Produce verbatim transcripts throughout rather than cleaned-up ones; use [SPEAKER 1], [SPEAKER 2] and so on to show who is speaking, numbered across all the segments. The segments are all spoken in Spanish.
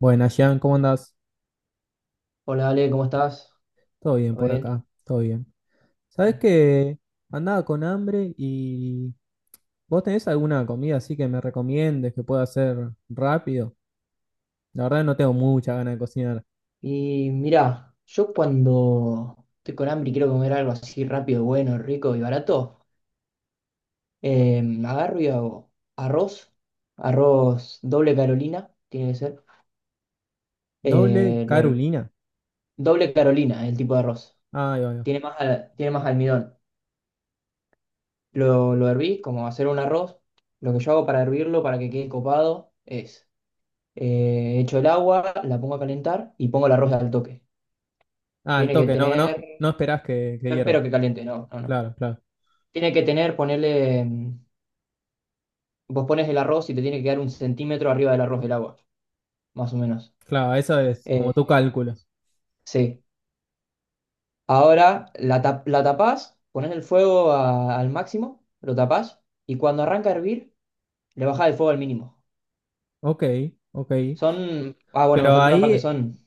[SPEAKER 1] Buenas, Jan, ¿cómo andás?
[SPEAKER 2] Hola Ale, ¿cómo estás?
[SPEAKER 1] Todo bien
[SPEAKER 2] ¿Todo
[SPEAKER 1] por
[SPEAKER 2] bien?
[SPEAKER 1] acá, todo bien. ¿Sabés que andaba con hambre y vos tenés alguna comida así que me recomiendes que pueda hacer rápido? La verdad no tengo mucha ganas de cocinar.
[SPEAKER 2] Y mira, yo cuando estoy con hambre y quiero comer algo así rápido, bueno, rico y barato, eh, agarro y hago arroz, arroz doble Carolina, tiene que ser,
[SPEAKER 1] ¿Doble
[SPEAKER 2] eh, lo her-
[SPEAKER 1] Carolina?
[SPEAKER 2] doble Carolina, el tipo de arroz,
[SPEAKER 1] Ay, ay, ay.
[SPEAKER 2] tiene más, al- tiene más almidón. Lo, lo herví, como hacer un arroz, lo que yo hago para hervirlo, para que quede copado, es, eh, echo el agua, la pongo a calentar y pongo el arroz al toque.
[SPEAKER 1] Ah, el
[SPEAKER 2] Tiene que
[SPEAKER 1] toque, no, no,
[SPEAKER 2] tener.
[SPEAKER 1] no esperás que, que
[SPEAKER 2] No
[SPEAKER 1] hierva.
[SPEAKER 2] espero que caliente, no, no, no.
[SPEAKER 1] Claro, claro,
[SPEAKER 2] Tiene que tener, ponerle, mm, vos pones el arroz y te tiene que quedar un centímetro arriba del arroz del agua, más o menos.
[SPEAKER 1] claro, eso es como
[SPEAKER 2] Eh,
[SPEAKER 1] tú calculas.
[SPEAKER 2] sí. Ahora la, tap- la tapás, pones el fuego a- al máximo, lo tapás y cuando arranca a hervir, le bajás el fuego al mínimo.
[SPEAKER 1] Ok, ok.
[SPEAKER 2] Son, ah, bueno, me
[SPEAKER 1] Pero
[SPEAKER 2] faltó una parte,
[SPEAKER 1] ahí,
[SPEAKER 2] son,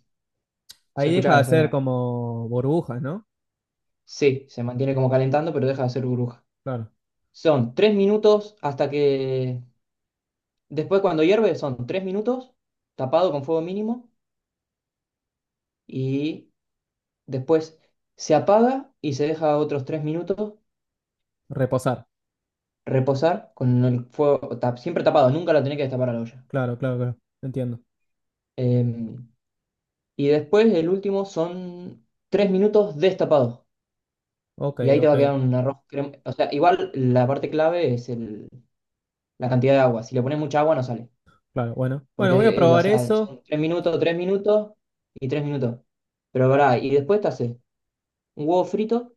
[SPEAKER 2] se
[SPEAKER 1] ahí deja de
[SPEAKER 2] escuchaba, se-
[SPEAKER 1] hacer como burbujas, ¿no?
[SPEAKER 2] sí, se mantiene como calentando, pero deja de hacer burbuja.
[SPEAKER 1] Claro,
[SPEAKER 2] Son tres minutos hasta que, después cuando hierve, son tres minutos, tapado con fuego mínimo y después se apaga y se deja otros tres minutos
[SPEAKER 1] reposar.
[SPEAKER 2] reposar con el fuego tap- siempre tapado, nunca la tenés que destapar a la olla.
[SPEAKER 1] Claro, claro, claro. Entiendo.
[SPEAKER 2] Eh, y después el último son tres minutos destapados.
[SPEAKER 1] Ok,
[SPEAKER 2] Y ahí te va
[SPEAKER 1] ok.
[SPEAKER 2] a quedar un arroz crem- o sea, igual la parte clave es el, la cantidad de agua. Si le pones mucha agua no sale.
[SPEAKER 1] Claro, bueno. Bueno, voy a
[SPEAKER 2] Porque, eh, o
[SPEAKER 1] probar
[SPEAKER 2] sea,
[SPEAKER 1] eso.
[SPEAKER 2] son tres minutos, tres minutos y tres minutos. Pero pará, y después te haces un huevo frito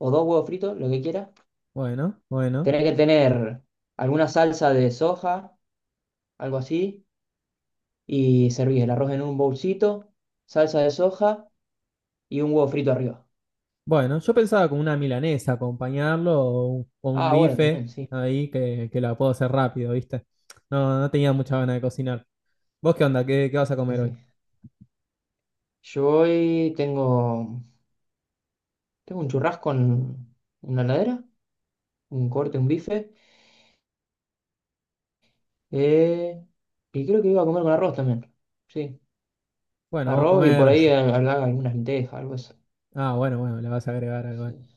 [SPEAKER 2] o dos huevos fritos, lo que quieras.
[SPEAKER 1] Bueno, bueno.
[SPEAKER 2] Tenés que tener alguna salsa de soja, algo así, y servís el arroz en un bolsito, salsa de soja y un huevo frito arriba.
[SPEAKER 1] Bueno, yo pensaba con una milanesa acompañarlo o un, o un
[SPEAKER 2] Ah, bueno,
[SPEAKER 1] bife
[SPEAKER 2] también, sí.
[SPEAKER 1] ahí que, que la puedo hacer rápido, ¿viste? No, no tenía mucha ganas de cocinar. ¿Vos qué onda? ¿Qué, qué vas a
[SPEAKER 2] Sí.
[SPEAKER 1] comer hoy?
[SPEAKER 2] Sí. Yo hoy tengo, tengo un churrasco en una heladera, un corte, un bife, eh, y creo que iba a comer con arroz también. Sí,
[SPEAKER 1] Bueno, vamos a
[SPEAKER 2] arroz y por
[SPEAKER 1] comer.
[SPEAKER 2] ahí eh, habrá algunas lentejas, algo eso.
[SPEAKER 1] Ah, bueno, bueno, le vas a agregar algo. eh.
[SPEAKER 2] Sí.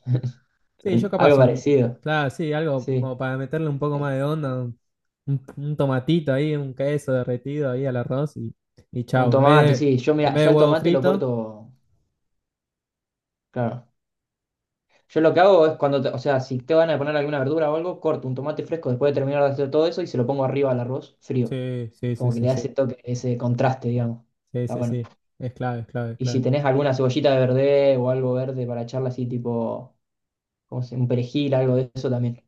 [SPEAKER 1] Sí,
[SPEAKER 2] Mm.
[SPEAKER 1] yo capaz
[SPEAKER 2] Algo
[SPEAKER 1] un.
[SPEAKER 2] parecido,
[SPEAKER 1] Claro, sí, algo
[SPEAKER 2] sí.
[SPEAKER 1] como para meterle un poco
[SPEAKER 2] Eh,
[SPEAKER 1] más de onda, un, un- un tomatito ahí, un queso derretido ahí al arroz y, y
[SPEAKER 2] Un
[SPEAKER 1] chao. En vez
[SPEAKER 2] tomate,
[SPEAKER 1] de,
[SPEAKER 2] sí. Yo,
[SPEAKER 1] en
[SPEAKER 2] mira,
[SPEAKER 1] vez de
[SPEAKER 2] yo al
[SPEAKER 1] huevo
[SPEAKER 2] tomate lo
[SPEAKER 1] frito.
[SPEAKER 2] corto, claro. Yo lo que hago es cuando, te- o sea, si te van a poner alguna verdura o algo, corto un tomate fresco después de terminar de hacer todo eso y se lo pongo arriba al arroz frío.
[SPEAKER 1] Sí, sí, sí,
[SPEAKER 2] Como que
[SPEAKER 1] sí,
[SPEAKER 2] le da ese
[SPEAKER 1] sí.
[SPEAKER 2] toque, ese contraste, digamos.
[SPEAKER 1] Sí,
[SPEAKER 2] Está
[SPEAKER 1] sí,
[SPEAKER 2] bueno.
[SPEAKER 1] sí. Es clave, es clave, es
[SPEAKER 2] Y si
[SPEAKER 1] clave.
[SPEAKER 2] tenés alguna cebollita de verde o algo verde para echarle así, tipo, ¿cómo se- un perejil, algo de eso también.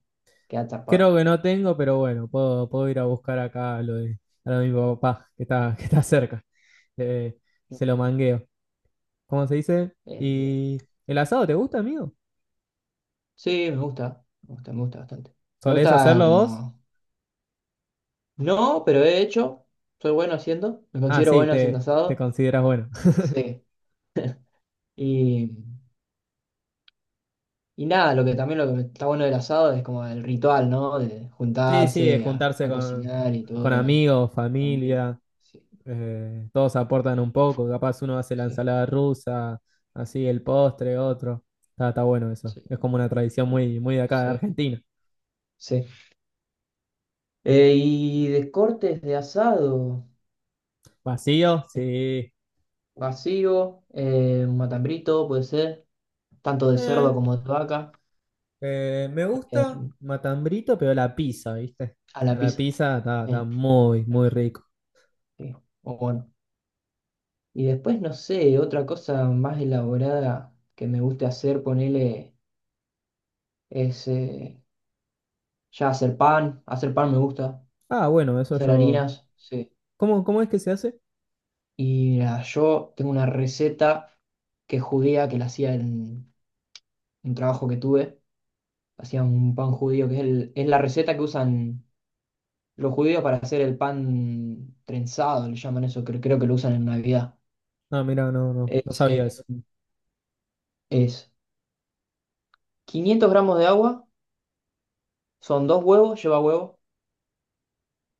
[SPEAKER 2] Queda tapado.
[SPEAKER 1] Creo que no tengo, pero bueno, puedo, puedo ir a buscar acá a lo de, a lo de mi papá, que está, que está cerca. Eh, Se lo mangueo. ¿Cómo se dice?
[SPEAKER 2] Eh, bien.
[SPEAKER 1] ¿Y el asado te gusta, amigo?
[SPEAKER 2] Sí, me gusta, me gusta, me gusta bastante. Me
[SPEAKER 1] ¿Solés
[SPEAKER 2] gusta
[SPEAKER 1] hacerlo vos?
[SPEAKER 2] como no, pero he hecho, soy bueno haciendo, me
[SPEAKER 1] Ah,
[SPEAKER 2] considero
[SPEAKER 1] sí,
[SPEAKER 2] bueno haciendo
[SPEAKER 1] te, te
[SPEAKER 2] asado.
[SPEAKER 1] consideras bueno.
[SPEAKER 2] Sí. Y Y nada, lo que también lo que está bueno del asado es como el ritual, ¿no? De
[SPEAKER 1] Sí, sí, es
[SPEAKER 2] juntarse a,
[SPEAKER 1] juntarse
[SPEAKER 2] a
[SPEAKER 1] con,
[SPEAKER 2] cocinar y
[SPEAKER 1] con
[SPEAKER 2] todo.
[SPEAKER 1] amigos,
[SPEAKER 2] Está muy-
[SPEAKER 1] familia,
[SPEAKER 2] Sí,
[SPEAKER 1] eh, todos aportan un poco. Capaz uno hace la
[SPEAKER 2] sí,
[SPEAKER 1] ensalada rusa, así el postre, otro. Está, está bueno eso.
[SPEAKER 2] sí.
[SPEAKER 1] Es como una tradición
[SPEAKER 2] Oh,
[SPEAKER 1] muy, muy de acá de
[SPEAKER 2] sí,
[SPEAKER 1] Argentina.
[SPEAKER 2] sí. Eh, y de cortes de asado,
[SPEAKER 1] Vacío,
[SPEAKER 2] eh,
[SPEAKER 1] sí.
[SPEAKER 2] vacío, eh, un matambrito puede ser, tanto de
[SPEAKER 1] Eh,
[SPEAKER 2] cerdo como de vaca,
[SPEAKER 1] eh, Me
[SPEAKER 2] eh,
[SPEAKER 1] gusta Matambrito, pero la pizza, ¿viste?
[SPEAKER 2] a la
[SPEAKER 1] La
[SPEAKER 2] pizza.
[SPEAKER 1] pizza está, está
[SPEAKER 2] eh,
[SPEAKER 1] muy, muy rico.
[SPEAKER 2] sí, o bueno. Y después, no sé, otra cosa más elaborada que me gusta hacer, ponele, es eh, ya hacer pan, hacer pan me gusta,
[SPEAKER 1] Ah, bueno, eso
[SPEAKER 2] hacer
[SPEAKER 1] yo.
[SPEAKER 2] harinas, sí.
[SPEAKER 1] ¿Cómo, cómo es que se hace?
[SPEAKER 2] Y nada, yo tengo una receta que es judía, que la hacía en un trabajo que tuve. Hacía un pan judío, que es, el- es la receta que usan los judíos para hacer el pan trenzado, le llaman eso, creo, creo que lo usan en Navidad.
[SPEAKER 1] Ah, mira, no, no, no
[SPEAKER 2] Es, eh,
[SPEAKER 1] sabía eso.
[SPEAKER 2] es quinientos gramos de agua, son dos huevos, lleva huevo,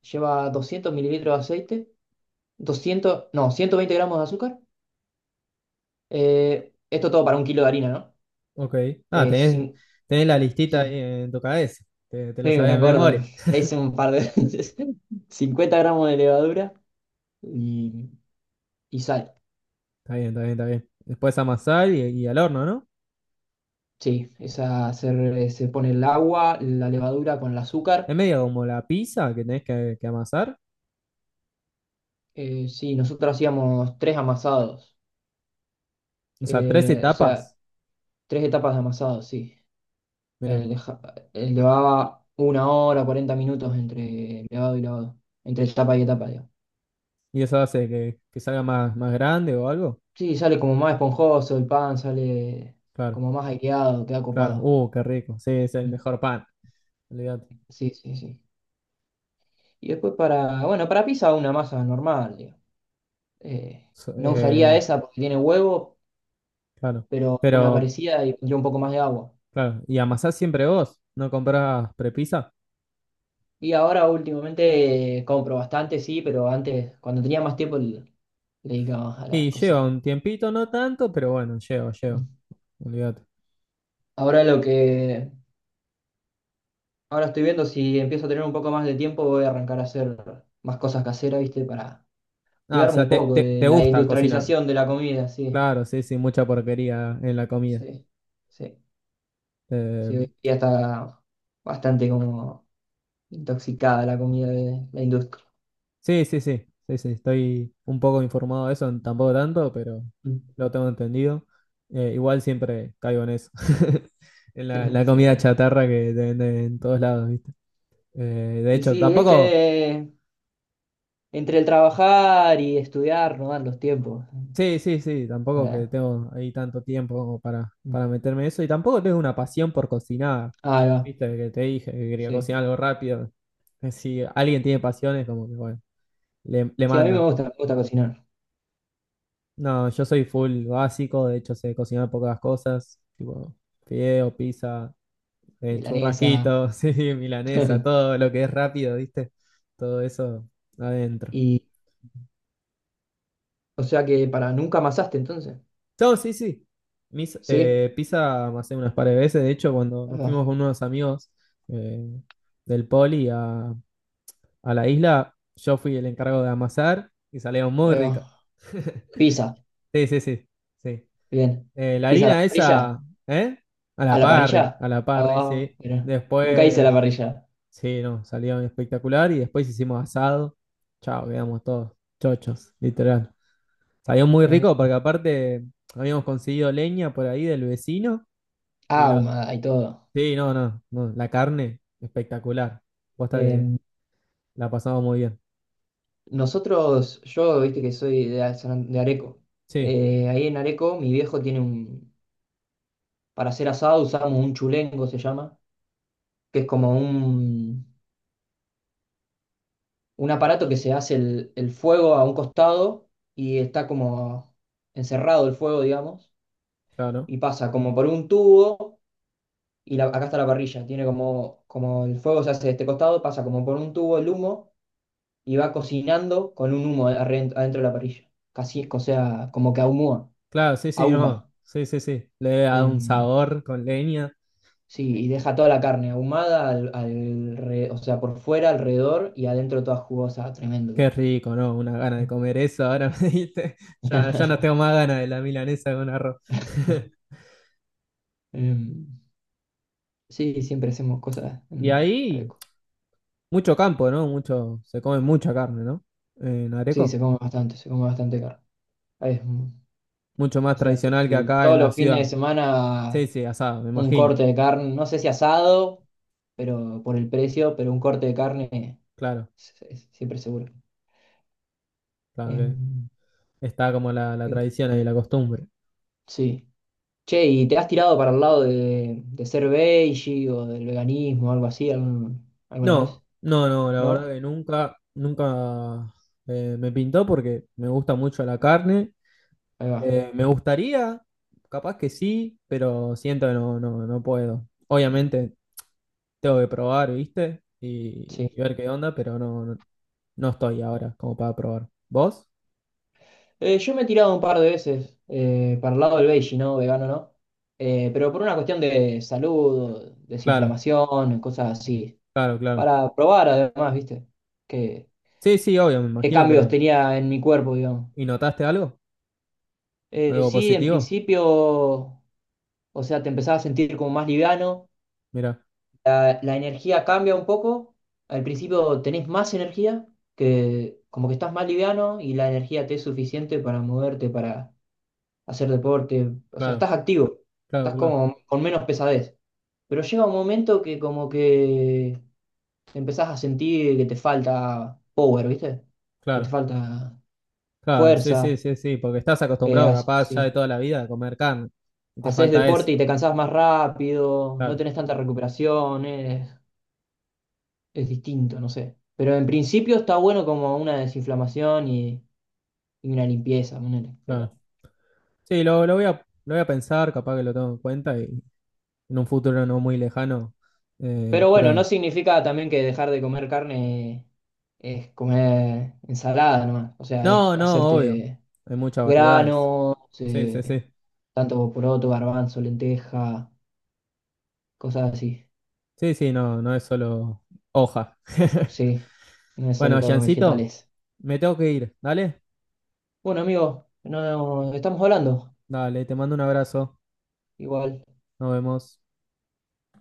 [SPEAKER 2] lleva doscientos mililitros de aceite, doscientos no, ciento veinte gramos de azúcar. Eh, esto todo para un kilo de harina, ¿no?
[SPEAKER 1] Ok. Ah,
[SPEAKER 2] Eh,
[SPEAKER 1] tenés,
[SPEAKER 2] cin-
[SPEAKER 1] tenés la listita ahí
[SPEAKER 2] Sí,
[SPEAKER 1] en tu cabeza. Te, te
[SPEAKER 2] sí,
[SPEAKER 1] lo
[SPEAKER 2] me
[SPEAKER 1] sabés
[SPEAKER 2] lo
[SPEAKER 1] de
[SPEAKER 2] acuerdo.
[SPEAKER 1] memoria.
[SPEAKER 2] Le le hice un par de veces. cincuenta gramos de levadura y, y sal.
[SPEAKER 1] Está bien, está bien, está bien. Después amasar y, y al horno, ¿no?
[SPEAKER 2] Sí, esa se, se pone el agua, la levadura con el
[SPEAKER 1] Es
[SPEAKER 2] azúcar.
[SPEAKER 1] medio como la pizza que tenés que, que amasar.
[SPEAKER 2] Eh, sí, nosotros hacíamos tres amasados.
[SPEAKER 1] O sea, tres
[SPEAKER 2] Eh, o
[SPEAKER 1] etapas.
[SPEAKER 2] sea, tres etapas de amasado, sí.
[SPEAKER 1] Mira.
[SPEAKER 2] Eh, deja- eh, llevaba una hora, cuarenta minutos entre levado y lavado. Entre etapa y etapa, digo.
[SPEAKER 1] Y eso hace que, que salga más, más grande o algo.
[SPEAKER 2] Sí, sale como más esponjoso el pan, sale
[SPEAKER 1] Claro.
[SPEAKER 2] como más aireado, queda
[SPEAKER 1] Claro,
[SPEAKER 2] copado.
[SPEAKER 1] uh, qué rico. Sí, es el mejor pan. Olvídate.
[SPEAKER 2] Sí, sí, sí. Y después para, bueno, para pizza una masa normal, digo. Eh,
[SPEAKER 1] So-
[SPEAKER 2] no usaría
[SPEAKER 1] eh,
[SPEAKER 2] esa porque tiene huevo,
[SPEAKER 1] claro.
[SPEAKER 2] pero una
[SPEAKER 1] Pero,
[SPEAKER 2] parecida y pondría un poco más de agua.
[SPEAKER 1] claro, y amasás siempre vos, ¿no comprás prepisa?
[SPEAKER 2] Y ahora últimamente eh, compro bastante, sí, pero antes, cuando tenía más tiempo, le, le dedicaba más a la
[SPEAKER 1] Y lleva
[SPEAKER 2] cocina.
[SPEAKER 1] un tiempito, no tanto, pero bueno, lleva, lleva.
[SPEAKER 2] Mm.
[SPEAKER 1] Olvídate.
[SPEAKER 2] Ahora lo que, ahora estoy viendo si empiezo a tener un poco más de tiempo, voy a arrancar a hacer más cosas caseras, ¿viste? Para
[SPEAKER 1] Ah, o
[SPEAKER 2] cuidarme
[SPEAKER 1] sea,
[SPEAKER 2] un
[SPEAKER 1] te,
[SPEAKER 2] poco
[SPEAKER 1] te,
[SPEAKER 2] de
[SPEAKER 1] te
[SPEAKER 2] la
[SPEAKER 1] gusta cocinar.
[SPEAKER 2] industrialización de la comida, sí.
[SPEAKER 1] Claro, sí, sí, mucha porquería en la comida.
[SPEAKER 2] Sí, sí.
[SPEAKER 1] Eh,
[SPEAKER 2] Sí, hoy en día está bastante como intoxicada la comida de la industria.
[SPEAKER 1] Sí, sí, sí, sí, sí, estoy un poco informado de eso, tampoco tanto, pero
[SPEAKER 2] Mm.
[SPEAKER 1] lo tengo entendido. Eh, igual siempre caigo en eso, en la, en la
[SPEAKER 2] Sí,
[SPEAKER 1] comida
[SPEAKER 2] obvio.
[SPEAKER 1] chatarra que te venden en todos lados, ¿viste? Eh, de
[SPEAKER 2] Y
[SPEAKER 1] hecho,
[SPEAKER 2] sí, es
[SPEAKER 1] tampoco,
[SPEAKER 2] que entre el trabajar y estudiar no dan los tiempos.
[SPEAKER 1] sí, sí, sí, tampoco que
[SPEAKER 2] Bueno.
[SPEAKER 1] tengo ahí tanto tiempo como para,
[SPEAKER 2] Mm.
[SPEAKER 1] para meterme en eso y tampoco tengo una pasión por cocinar,
[SPEAKER 2] Ahí va,
[SPEAKER 1] ¿viste? Que te dije que quería
[SPEAKER 2] sí.
[SPEAKER 1] cocinar algo rápido. Eh, Si alguien tiene pasiones, como que bueno, le, le
[SPEAKER 2] Sí, a mí me
[SPEAKER 1] manda.
[SPEAKER 2] gusta, me gusta cocinar.
[SPEAKER 1] No, yo soy full básico, de hecho sé cocinar pocas cosas, tipo fideo, pizza, eh,
[SPEAKER 2] Milanesa.
[SPEAKER 1] churrasquito, sí, milanesa, todo lo que es rápido, ¿viste? Todo eso adentro.
[SPEAKER 2] Y, o sea que para nunca amasaste entonces.
[SPEAKER 1] No, sí, sí. Mis,
[SPEAKER 2] Sí,
[SPEAKER 1] eh, pizza me hace unas par de veces, de hecho cuando
[SPEAKER 2] ahí
[SPEAKER 1] nos fuimos
[SPEAKER 2] va,
[SPEAKER 1] con unos amigos eh, del poli a, a la isla, yo fui el encargo de amasar y salieron muy
[SPEAKER 2] ahí
[SPEAKER 1] ricas.
[SPEAKER 2] va. Pizza,
[SPEAKER 1] Sí, sí, sí, sí.
[SPEAKER 2] bien.
[SPEAKER 1] Eh, la
[SPEAKER 2] Pizza a la
[SPEAKER 1] harina
[SPEAKER 2] parrilla.
[SPEAKER 1] esa, ¿eh? A
[SPEAKER 2] ¿A
[SPEAKER 1] la
[SPEAKER 2] la
[SPEAKER 1] parry, a
[SPEAKER 2] parrilla?
[SPEAKER 1] la parry,
[SPEAKER 2] Ah,
[SPEAKER 1] sí.
[SPEAKER 2] mira. Nunca hice la
[SPEAKER 1] Después,
[SPEAKER 2] parrilla.
[SPEAKER 1] sí, no, salió espectacular y después hicimos asado. Chao, quedamos todos chochos, literal. Salió muy rico
[SPEAKER 2] Tremendo.
[SPEAKER 1] porque aparte habíamos conseguido leña por ahí del vecino y
[SPEAKER 2] Ah,
[SPEAKER 1] la...
[SPEAKER 2] ahumada y todo.
[SPEAKER 1] Sí, no, no, no, la carne, espectacular. Posta que
[SPEAKER 2] Eh,
[SPEAKER 1] la pasamos muy bien.
[SPEAKER 2] Nosotros, yo viste que soy de, San- An- de Areco.
[SPEAKER 1] Sí,
[SPEAKER 2] Eh, ahí en Areco, mi viejo tiene un. Para hacer asado usamos un chulengo, se llama, que es como un, un aparato que se hace el, el fuego a un costado y está como encerrado el fuego, digamos,
[SPEAKER 1] claro. ¿No?
[SPEAKER 2] y pasa como por un tubo y la- acá está la parrilla. Tiene como, como el fuego se hace de este costado, pasa como por un tubo el humo y va cocinando con un humo adren- adentro, de la parrilla. Casi, o sea, como que ahumó,
[SPEAKER 1] Claro, sí, sí,
[SPEAKER 2] ahuma.
[SPEAKER 1] no. Sí, sí, sí. Le da un
[SPEAKER 2] Em,
[SPEAKER 1] sabor con leña.
[SPEAKER 2] sí, y deja toda la carne ahumada, al, al re- o sea, por fuera, alrededor y adentro toda jugosa, tremendo
[SPEAKER 1] Qué
[SPEAKER 2] queda.
[SPEAKER 1] rico, ¿no? Una gana de comer eso, ahora me diste. Ya, ya no tengo más ganas de la milanesa con arroz.
[SPEAKER 2] Em, sí, siempre hacemos cosas
[SPEAKER 1] Y
[SPEAKER 2] en
[SPEAKER 1] ahí,
[SPEAKER 2] Areco.
[SPEAKER 1] mucho campo, ¿no? Mucho, se come mucha carne, ¿no? En
[SPEAKER 2] Sí, se
[SPEAKER 1] Areco.
[SPEAKER 2] come bastante, se come bastante carne. Ahí es, mm,
[SPEAKER 1] Mucho más
[SPEAKER 2] o sea, t-
[SPEAKER 1] tradicional que acá en
[SPEAKER 2] todos
[SPEAKER 1] la
[SPEAKER 2] los fines de
[SPEAKER 1] ciudad. Sí,
[SPEAKER 2] semana
[SPEAKER 1] sí, asado, me
[SPEAKER 2] un
[SPEAKER 1] imagino.
[SPEAKER 2] corte de carne, no sé si asado, pero por el precio, pero un corte de carne
[SPEAKER 1] Claro,
[SPEAKER 2] es- es siempre seguro.
[SPEAKER 1] claro que
[SPEAKER 2] Em,
[SPEAKER 1] está como la, la
[SPEAKER 2] y bueno,
[SPEAKER 1] tradición y la costumbre.
[SPEAKER 2] sí. Che, ¿y te has tirado para el lado de, de ser veggie o del veganismo o algo así algún- alguna
[SPEAKER 1] No,
[SPEAKER 2] vez?
[SPEAKER 1] no, no, la verdad
[SPEAKER 2] ¿No?
[SPEAKER 1] que nunca, nunca eh, me pintó porque me gusta mucho la carne.
[SPEAKER 2] Ahí va.
[SPEAKER 1] Eh, me gustaría, capaz que sí, pero siento que no, no, no puedo. Obviamente tengo que probar, ¿viste? Y, y
[SPEAKER 2] Sí.
[SPEAKER 1] ver qué onda, pero no, no, no estoy ahora como para probar. ¿Vos?
[SPEAKER 2] Eh, yo me he tirado un par de veces eh, para el lado del veggie, ¿no? Vegano, ¿no? Eh, pero por una cuestión de salud,
[SPEAKER 1] Claro,
[SPEAKER 2] desinflamación, cosas así.
[SPEAKER 1] claro, claro.
[SPEAKER 2] Para probar además, ¿viste? ¿Qué,
[SPEAKER 1] Sí, sí, obvio, me
[SPEAKER 2] qué
[SPEAKER 1] imagino
[SPEAKER 2] cambios
[SPEAKER 1] que...
[SPEAKER 2] tenía en mi cuerpo, digamos?
[SPEAKER 1] ¿Y notaste algo?
[SPEAKER 2] Eh,
[SPEAKER 1] ¿Algo
[SPEAKER 2] sí, en
[SPEAKER 1] positivo?
[SPEAKER 2] principio, o sea, te empezás a sentir como más liviano.
[SPEAKER 1] Mira,
[SPEAKER 2] La, la energía cambia un poco. Al principio tenés más energía, que como que estás más liviano y la energía te es suficiente para moverte, para hacer deporte. O sea,
[SPEAKER 1] claro,
[SPEAKER 2] estás activo,
[SPEAKER 1] claro,
[SPEAKER 2] estás
[SPEAKER 1] claro,
[SPEAKER 2] como con menos pesadez. Pero llega un momento que como que empezás a sentir que te falta power, ¿viste? Que te
[SPEAKER 1] claro,
[SPEAKER 2] falta
[SPEAKER 1] claro, sí, sí,
[SPEAKER 2] fuerza.
[SPEAKER 1] sí, sí, porque estás
[SPEAKER 2] Eh,
[SPEAKER 1] acostumbrado
[SPEAKER 2] has-
[SPEAKER 1] capaz ya de
[SPEAKER 2] sí.
[SPEAKER 1] toda la vida a comer carne y te
[SPEAKER 2] Haces
[SPEAKER 1] falta eso.
[SPEAKER 2] deporte y te cansás más rápido, no
[SPEAKER 1] Claro,
[SPEAKER 2] tenés tanta recuperación. eh. Es distinto, no sé. Pero en principio está bueno como una desinflamación y, y una limpieza, ponele. Pero,
[SPEAKER 1] claro. Sí, lo, lo voy a, lo voy a pensar, capaz que lo tengo en cuenta y en un futuro no muy lejano. Eh,
[SPEAKER 2] pero bueno, no
[SPEAKER 1] pero
[SPEAKER 2] significa también que dejar de comer carne es comer ensalada nomás. O sea, es
[SPEAKER 1] no, no, obvio.
[SPEAKER 2] hacerte
[SPEAKER 1] Hay muchas variedades.
[SPEAKER 2] granos,
[SPEAKER 1] Sí, sí,
[SPEAKER 2] eh,
[SPEAKER 1] sí.
[SPEAKER 2] tanto poroto, garbanzo, lenteja, cosas así.
[SPEAKER 1] Sí, sí, no, no es solo hoja.
[SPEAKER 2] Sí, no es
[SPEAKER 1] Bueno,
[SPEAKER 2] solo
[SPEAKER 1] Jancito,
[SPEAKER 2] vegetales.
[SPEAKER 1] me tengo que ir. Dale,
[SPEAKER 2] Bueno, amigo, no, estamos hablando.
[SPEAKER 1] dale, te mando un abrazo.
[SPEAKER 2] Igual.
[SPEAKER 1] Nos vemos.